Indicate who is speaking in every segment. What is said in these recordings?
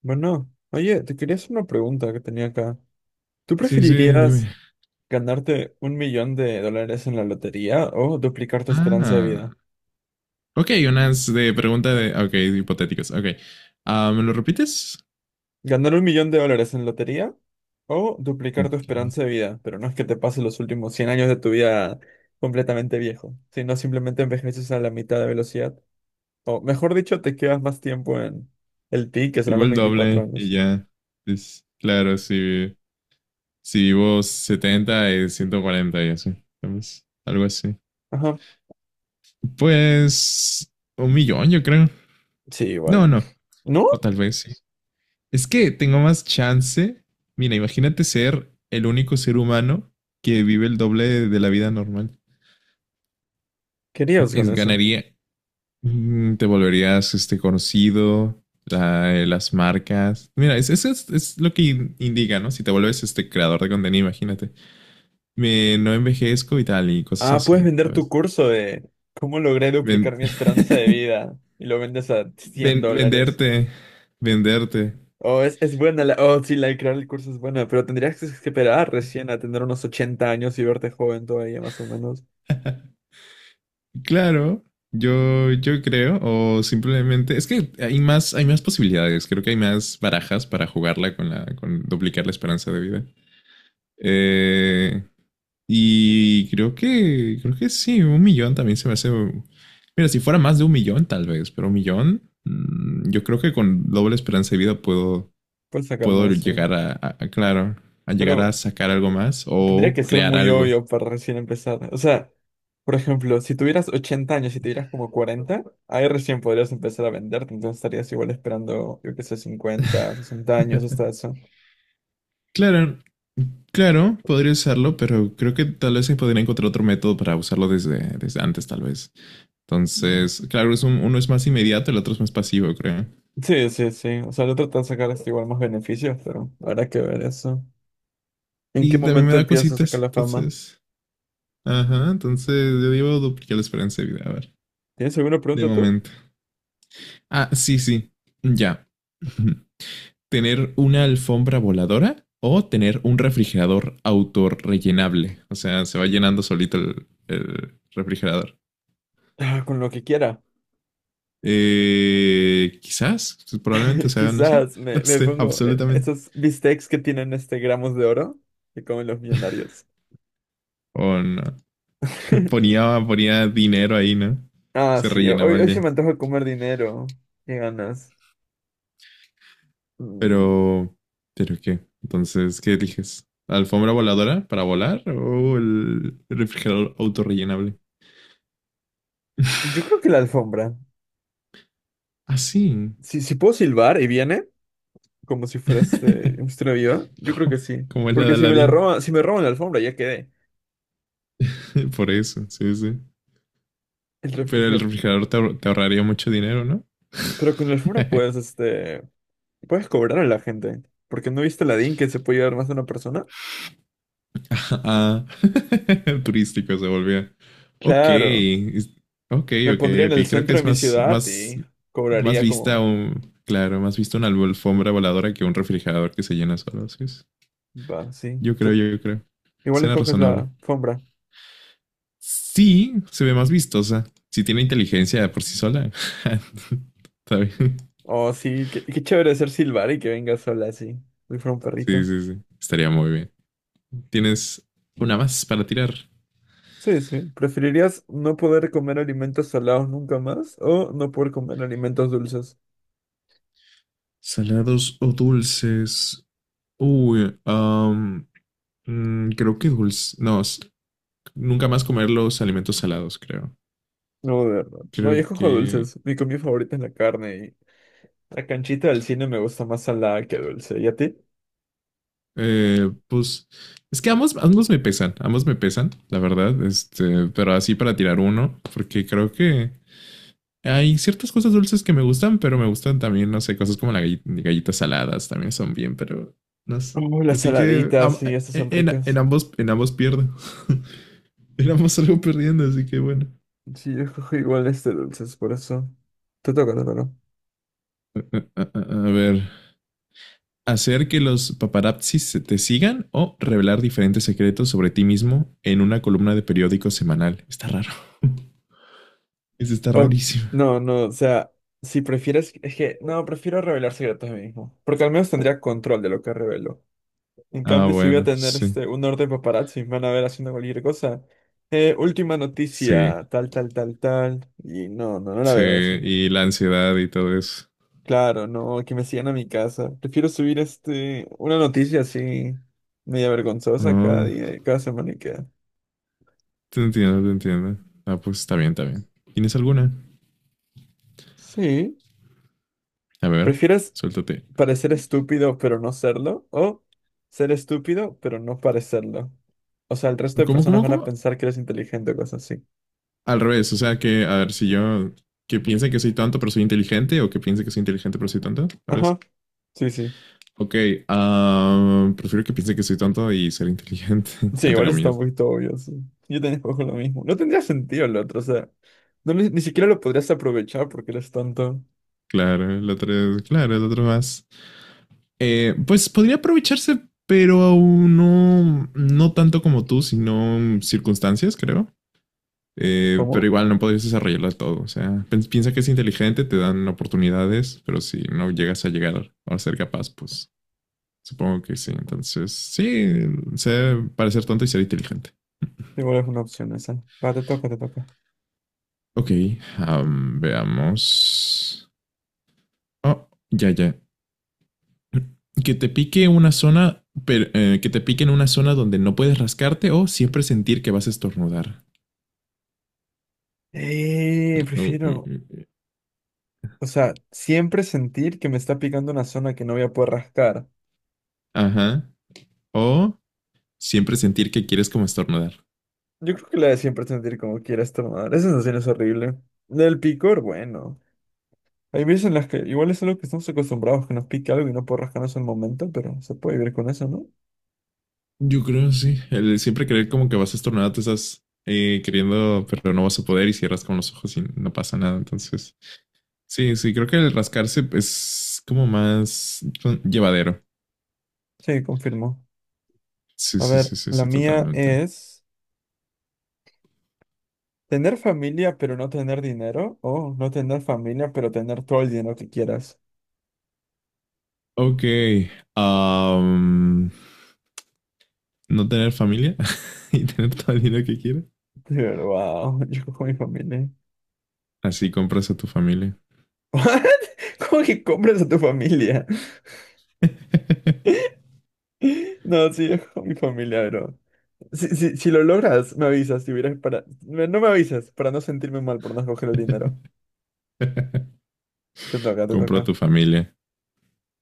Speaker 1: Bueno, oye, te quería hacer una pregunta que tenía acá. ¿Tú
Speaker 2: Sí, sí, dime.
Speaker 1: preferirías ganarte 1 millón de dólares en la lotería o duplicar tu esperanza de
Speaker 2: Ah,
Speaker 1: vida?
Speaker 2: ok, unas de pregunta de, ok, hipotéticos, ok. Ah, ¿me lo repites?
Speaker 1: ¿Ganar 1 millón de dólares en lotería o duplicar tu
Speaker 2: Ok.
Speaker 1: esperanza de vida? Pero no es que te pase los últimos 100 años de tu vida completamente viejo, sino simplemente envejeces a la mitad de velocidad. O mejor dicho, te quedas más tiempo en el ti, que serán
Speaker 2: Digo
Speaker 1: los
Speaker 2: el
Speaker 1: veinticuatro
Speaker 2: doble y
Speaker 1: años.
Speaker 2: ya. Es, claro, si vivo 70 es 140 y así, ¿sabes? Algo así.
Speaker 1: Ajá.
Speaker 2: Pues 1 millón, yo creo.
Speaker 1: Sí,
Speaker 2: No,
Speaker 1: igual.
Speaker 2: no.
Speaker 1: ¿No?
Speaker 2: O tal vez sí. Es que tengo más chance. Mira, imagínate ser el único ser humano que vive el doble de la vida normal.
Speaker 1: ¿Querías con
Speaker 2: Es,
Speaker 1: eso?
Speaker 2: ganaría, te volverías este, conocido, las marcas. Mira, es lo que indica, ¿no? Si te vuelves este creador de contenido, imagínate. Me, no envejezco y tal, y cosas
Speaker 1: Ah, puedes
Speaker 2: así,
Speaker 1: vender tu
Speaker 2: ¿sabes?
Speaker 1: curso de cómo logré duplicar
Speaker 2: Ven-
Speaker 1: mi esperanza de vida y lo vendes a 100
Speaker 2: ven-
Speaker 1: dólares.
Speaker 2: venderte, venderte.
Speaker 1: Oh, es buena la... Oh, sí, la de crear el curso es buena, pero tendrías que esperar recién a tener unos 80 años y verte joven todavía, más o menos.
Speaker 2: Claro, yo creo, o simplemente, es que hay más posibilidades, creo que hay más barajas para jugarla con con duplicar la esperanza de vida. Eh, Y creo que sí, 1 millón también se me hace. Mira, si fuera más de 1 millón, tal vez, pero 1 millón, yo creo que con doble esperanza de vida puedo,
Speaker 1: Puedes sacar más, sí.
Speaker 2: llegar claro, a llegar a
Speaker 1: Pero
Speaker 2: sacar algo más
Speaker 1: tendría
Speaker 2: o
Speaker 1: que ser
Speaker 2: crear
Speaker 1: muy
Speaker 2: algo.
Speaker 1: obvio para recién empezar. O sea, por ejemplo, si tuvieras 80 años y tuvieras como 40, ahí recién podrías empezar a venderte, entonces estarías igual esperando, yo qué sé, 50, 60 años hasta eso.
Speaker 2: Claro, claro, podría usarlo, pero creo que tal vez se podría encontrar otro método para usarlo desde antes, tal vez. Entonces, claro, es uno es más inmediato, el otro es más pasivo, creo.
Speaker 1: Sí, sí, sí. O sea, le trata de sacar este igual más beneficios, pero habrá que ver eso. ¿En qué
Speaker 2: Y también me
Speaker 1: momento
Speaker 2: da
Speaker 1: empiezas a sacar
Speaker 2: cositas,
Speaker 1: la fama?
Speaker 2: entonces ajá, entonces yo digo duplicar la esperanza de vida, a ver,
Speaker 1: ¿Tienes alguna
Speaker 2: de
Speaker 1: pregunta tú?
Speaker 2: momento. Ah, sí, sí, ya. Ujú. ¿Tener una alfombra voladora o tener un refrigerador autorrellenable? O sea, se va llenando solito el refrigerador.
Speaker 1: Ah, con lo que quiera.
Speaker 2: Quizás, probablemente, o sea, no sé,
Speaker 1: Quizás me,
Speaker 2: no
Speaker 1: me
Speaker 2: sé,
Speaker 1: pongo
Speaker 2: absolutamente.
Speaker 1: esos bistecs que tienen este gramos de oro que comen los millonarios.
Speaker 2: O no. Ponía, ponía dinero ahí, ¿no?
Speaker 1: Ah,
Speaker 2: Se
Speaker 1: sí,
Speaker 2: rellenaba
Speaker 1: hoy,
Speaker 2: el
Speaker 1: hoy se
Speaker 2: día.
Speaker 1: me antoja comer dinero. Qué ganas. Mm,
Speaker 2: Pero, ¿Pero qué? Entonces, ¿qué eliges? ¿La alfombra voladora para volar o el refrigerador autorrellenable?
Speaker 1: yo creo que la alfombra.
Speaker 2: Ah, sí.
Speaker 1: Si puedo silbar y viene, como si fuera este, un viva, yo creo que
Speaker 2: como,
Speaker 1: sí.
Speaker 2: como es la de
Speaker 1: Porque si me la
Speaker 2: Aladdin.
Speaker 1: roban, si me roban la alfombra, ya quedé.
Speaker 2: Por eso, sí, sí.
Speaker 1: El
Speaker 2: Pero el
Speaker 1: refrigerador.
Speaker 2: refrigerador te ahorraría mucho dinero, ¿no?
Speaker 1: Pero con la alfombra puedes, este, puedes cobrar a la gente. Porque no viste la DIN que se puede llevar más de una persona.
Speaker 2: ah, turístico se volvía. Ok,
Speaker 1: Claro,
Speaker 2: ok,
Speaker 1: me
Speaker 2: ok,
Speaker 1: pondría en
Speaker 2: ok.
Speaker 1: el
Speaker 2: Creo que
Speaker 1: centro de
Speaker 2: es
Speaker 1: mi
Speaker 2: más,
Speaker 1: ciudad
Speaker 2: más,
Speaker 1: y
Speaker 2: más
Speaker 1: cobraría
Speaker 2: vista
Speaker 1: como,
Speaker 2: un, claro, más vista una alfombra voladora que un refrigerador que se llena solo. Sí, sí.
Speaker 1: va, sí.
Speaker 2: Yo creo, yo creo.
Speaker 1: Igual
Speaker 2: Suena
Speaker 1: escoges la
Speaker 2: razonable.
Speaker 1: alfombra.
Speaker 2: Sí, se ve más vistosa. Si tiene inteligencia por sí sola, está bien.
Speaker 1: Oh, sí, qué chévere ser silbar y que venga sola así, si fuera un
Speaker 2: Sí,
Speaker 1: perrito.
Speaker 2: sí, sí. Estaría muy bien. ¿Tienes una más para tirar?
Speaker 1: Sí, sí. ¿Preferirías no poder comer alimentos salados nunca más o no poder comer alimentos dulces?
Speaker 2: Salados o dulces. Uy, creo que dulce. No, nunca más comer los alimentos salados, creo.
Speaker 1: No, de verdad. No, yo
Speaker 2: Creo
Speaker 1: escojo
Speaker 2: que,
Speaker 1: dulces. Mi comida favorita es la carne. La canchita del cine me gusta más salada que dulce. ¿Y a ti?
Speaker 2: pues, es que ambos me pesan, ambos me pesan, la verdad. Este, pero así para tirar uno, porque creo que hay ciertas cosas dulces que me gustan, pero me gustan también, no sé, cosas como las galletas saladas también son bien, pero no sé.
Speaker 1: Oh, las
Speaker 2: Así que
Speaker 1: saladitas, sí, estas son
Speaker 2: en
Speaker 1: ricas.
Speaker 2: ambos, en ambos pierdo. En ambos salgo perdiendo, así que bueno.
Speaker 1: Sí, yo cojo igual dulces, por eso. Te toca, te toca.
Speaker 2: A ver. Hacer que los paparazzis se te sigan o revelar diferentes secretos sobre ti mismo en una columna de periódico semanal. Está raro. Eso está
Speaker 1: O-
Speaker 2: rarísimo.
Speaker 1: no, no, o sea, si prefieres, es que, no, prefiero revelar secretos a mí mismo. Porque al menos tendría control de lo que revelo. En
Speaker 2: Ah,
Speaker 1: cambio, si voy a
Speaker 2: bueno,
Speaker 1: tener
Speaker 2: sí.
Speaker 1: un orden paparazzi, me van a ver haciendo cualquier cosa. Última
Speaker 2: Sí.
Speaker 1: noticia, tal, tal, tal, tal. Y no, no, no la
Speaker 2: Sí.
Speaker 1: veo así.
Speaker 2: Y la ansiedad y todo eso.
Speaker 1: Claro, no, que me sigan a mi casa. Prefiero subir una noticia así, media vergonzosa cada
Speaker 2: Ah.
Speaker 1: día, cada semana y queda.
Speaker 2: Te entiendo, te entiendo. Ah, pues está bien, está bien. ¿Tienes alguna?
Speaker 1: Sí.
Speaker 2: A ver,
Speaker 1: ¿Prefieres
Speaker 2: suéltate.
Speaker 1: parecer estúpido pero no serlo? ¿O ser estúpido pero no parecerlo? O sea, el resto de
Speaker 2: ¿Cómo,
Speaker 1: personas
Speaker 2: cómo,
Speaker 1: van a
Speaker 2: cómo?
Speaker 1: pensar que eres inteligente o cosas así.
Speaker 2: Al revés, o sea que, a ver, si yo, que piense que soy tonto pero soy inteligente o que piense que soy inteligente pero soy tonto, tal vez.
Speaker 1: Ajá, sí, sí.
Speaker 2: Ok, prefiero que piense que soy tonto y ser inteligente,
Speaker 1: Sí,
Speaker 2: entre
Speaker 1: igual está un
Speaker 2: comillas.
Speaker 1: poquito obvio, sí. Yo también escojo lo mismo. No tendría sentido el otro, o sea, no, ni siquiera lo podrías aprovechar porque eres tonto.
Speaker 2: Claro, el otro, claro, el otro más. Pues podría aprovecharse, pero aún no tanto como tú, sino circunstancias, creo. Pero
Speaker 1: ¿Cómo?
Speaker 2: igual no podrías desarrollarla todo. O sea, piensa que es inteligente, te dan oportunidades, pero si no llegas a llegar a ser capaz, pues supongo que sí. Entonces, sí, sé parecer tonto y ser inteligente.
Speaker 1: Igual es una opción esa. Va, te toca, te toca.
Speaker 2: Ok, veamos. Oh, ya, ya. Que te pique una zona, pero, que te pique en una zona donde no puedes rascarte o siempre sentir que vas a estornudar. Oh, mm, mm,
Speaker 1: Prefiero,
Speaker 2: mm.
Speaker 1: o sea, siempre sentir que me está picando una zona que no voy a poder rascar.
Speaker 2: Ajá. O siempre sentir que quieres como estornudar.
Speaker 1: Yo creo que la de siempre sentir como quiera esta madre. Esa sensación es horrible. Del picor, bueno. Hay veces en las que igual es algo que estamos acostumbrados, que nos pique algo y no puedo rascarnos en el momento, pero se puede vivir con eso, ¿no?
Speaker 2: Yo creo, sí. El siempre creer como que vas estornudado te estás queriendo, pero no vas a poder y cierras con los ojos y no pasa nada. Entonces, sí, sí, creo que el rascarse es como más llevadero.
Speaker 1: Sí, confirmo.
Speaker 2: Sí,
Speaker 1: A
Speaker 2: sí,
Speaker 1: ver,
Speaker 2: sí, sí,
Speaker 1: la
Speaker 2: sí,
Speaker 1: mía
Speaker 2: totalmente.
Speaker 1: es tener familia pero no tener dinero o no tener familia pero tener todo el dinero que quieras.
Speaker 2: Ok. am, no tener familia y tener todo el dinero que quieres.
Speaker 1: Pero wow, yo cojo mi familia.
Speaker 2: Así compras a tu familia.
Speaker 1: ¿What? ¿Cómo que compras a tu familia? No, sí, es con mi familia, bro. Si lo logras, me avisas. Si hubieras para... No me avisas, para no sentirme mal por no escoger el dinero. Te toca, te
Speaker 2: Compro a
Speaker 1: toca.
Speaker 2: tu familia.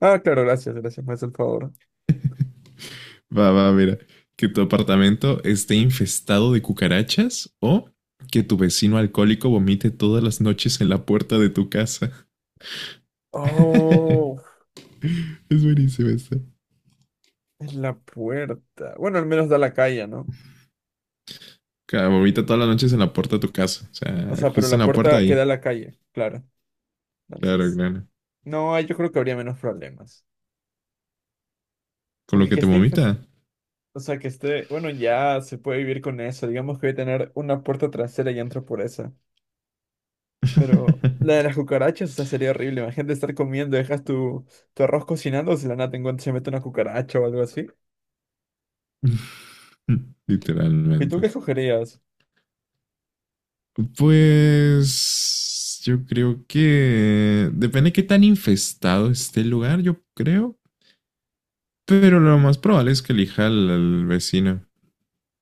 Speaker 1: Ah, claro, gracias, gracias, me haces el favor.
Speaker 2: Va, va, mira. Que tu apartamento esté infestado de cucarachas o que tu vecino alcohólico vomite todas las noches en la puerta de tu casa.
Speaker 1: Oh,
Speaker 2: Es buenísimo esto.
Speaker 1: es la puerta. Bueno, al menos da a la calle, ¿no?
Speaker 2: Claro, vomita todas las noches en la puerta de tu casa. O
Speaker 1: O
Speaker 2: sea,
Speaker 1: sea, pero
Speaker 2: justo en
Speaker 1: la
Speaker 2: la puerta
Speaker 1: puerta que da
Speaker 2: ahí.
Speaker 1: a la calle, claro.
Speaker 2: Claro,
Speaker 1: Entonces,
Speaker 2: claro.
Speaker 1: no, ahí yo creo que habría menos problemas.
Speaker 2: Con lo
Speaker 1: Porque
Speaker 2: que
Speaker 1: que
Speaker 2: te
Speaker 1: esté infestada.
Speaker 2: vomita.
Speaker 1: O sea que esté, bueno, ya se puede vivir con eso. Digamos que voy a tener una puerta trasera y entro por esa. Pero la de las cucarachas, o sea, sería horrible. Imagínate estar comiendo, dejas tu arroz cocinando, si la nada te encuentras, se mete una cucaracha o algo así. ¿Y tú
Speaker 2: Literalmente.
Speaker 1: qué escogerías?
Speaker 2: Pues yo creo que depende de qué tan infestado esté el lugar, yo creo. Pero lo más probable es que elija al vecino.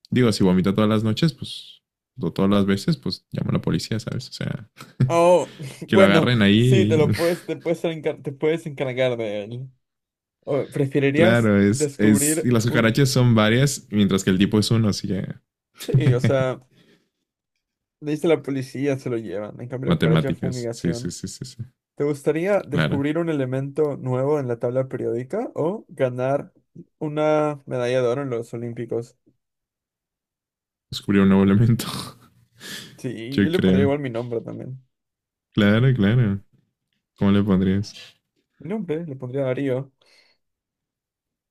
Speaker 2: Digo, si vomita todas las noches, pues, o todas las veces, pues llama a la policía, ¿sabes? O sea,
Speaker 1: Oh,
Speaker 2: que lo
Speaker 1: bueno,
Speaker 2: agarren
Speaker 1: sí, te
Speaker 2: ahí.
Speaker 1: lo puedes, te puedes encar- te puedes encargar de él. O, ¿preferirías
Speaker 2: Claro, y
Speaker 1: descubrir
Speaker 2: las
Speaker 1: un...
Speaker 2: cucarachas son varias, mientras que el tipo es uno, así que.
Speaker 1: Sí, o sea, le dice a la policía, se lo llevan. En cambio, la cucaracha
Speaker 2: Matemáticas. Sí, sí,
Speaker 1: fumigación.
Speaker 2: sí, sí, sí.
Speaker 1: ¿Te gustaría
Speaker 2: Claro.
Speaker 1: descubrir un elemento nuevo en la tabla periódica o ganar una medalla de oro en los Olímpicos?
Speaker 2: Descubrió un nuevo elemento.
Speaker 1: Sí, yo
Speaker 2: Yo
Speaker 1: le pondría
Speaker 2: creo.
Speaker 1: igual mi nombre también.
Speaker 2: Claro, claro. ¿Cómo le pondrías?
Speaker 1: Mi nombre le pondría Darío.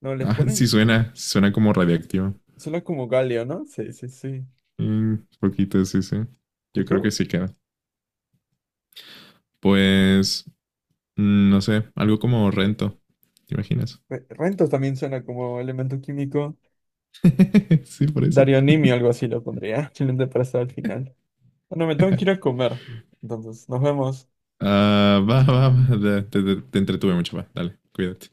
Speaker 1: No, les
Speaker 2: Ah, sí
Speaker 1: ponen.
Speaker 2: suena, suena como radiactivo.
Speaker 1: Suena como galio, ¿no? Sí, sí, sí.
Speaker 2: Un poquito, sí, sí.
Speaker 1: ¿Y
Speaker 2: Yo creo que
Speaker 1: tú?
Speaker 2: sí queda. Pues no sé, algo como rento. ¿Te imaginas?
Speaker 1: Rentos también suena como elemento químico.
Speaker 2: Sí, por eso.
Speaker 1: Darionimio, algo así lo pondría. Excelente para estar al final. Bueno, me tengo que ir a comer. Entonces, nos vemos.
Speaker 2: Ah, va, va, va. Te entretuve mucho, va. Dale, cuídate.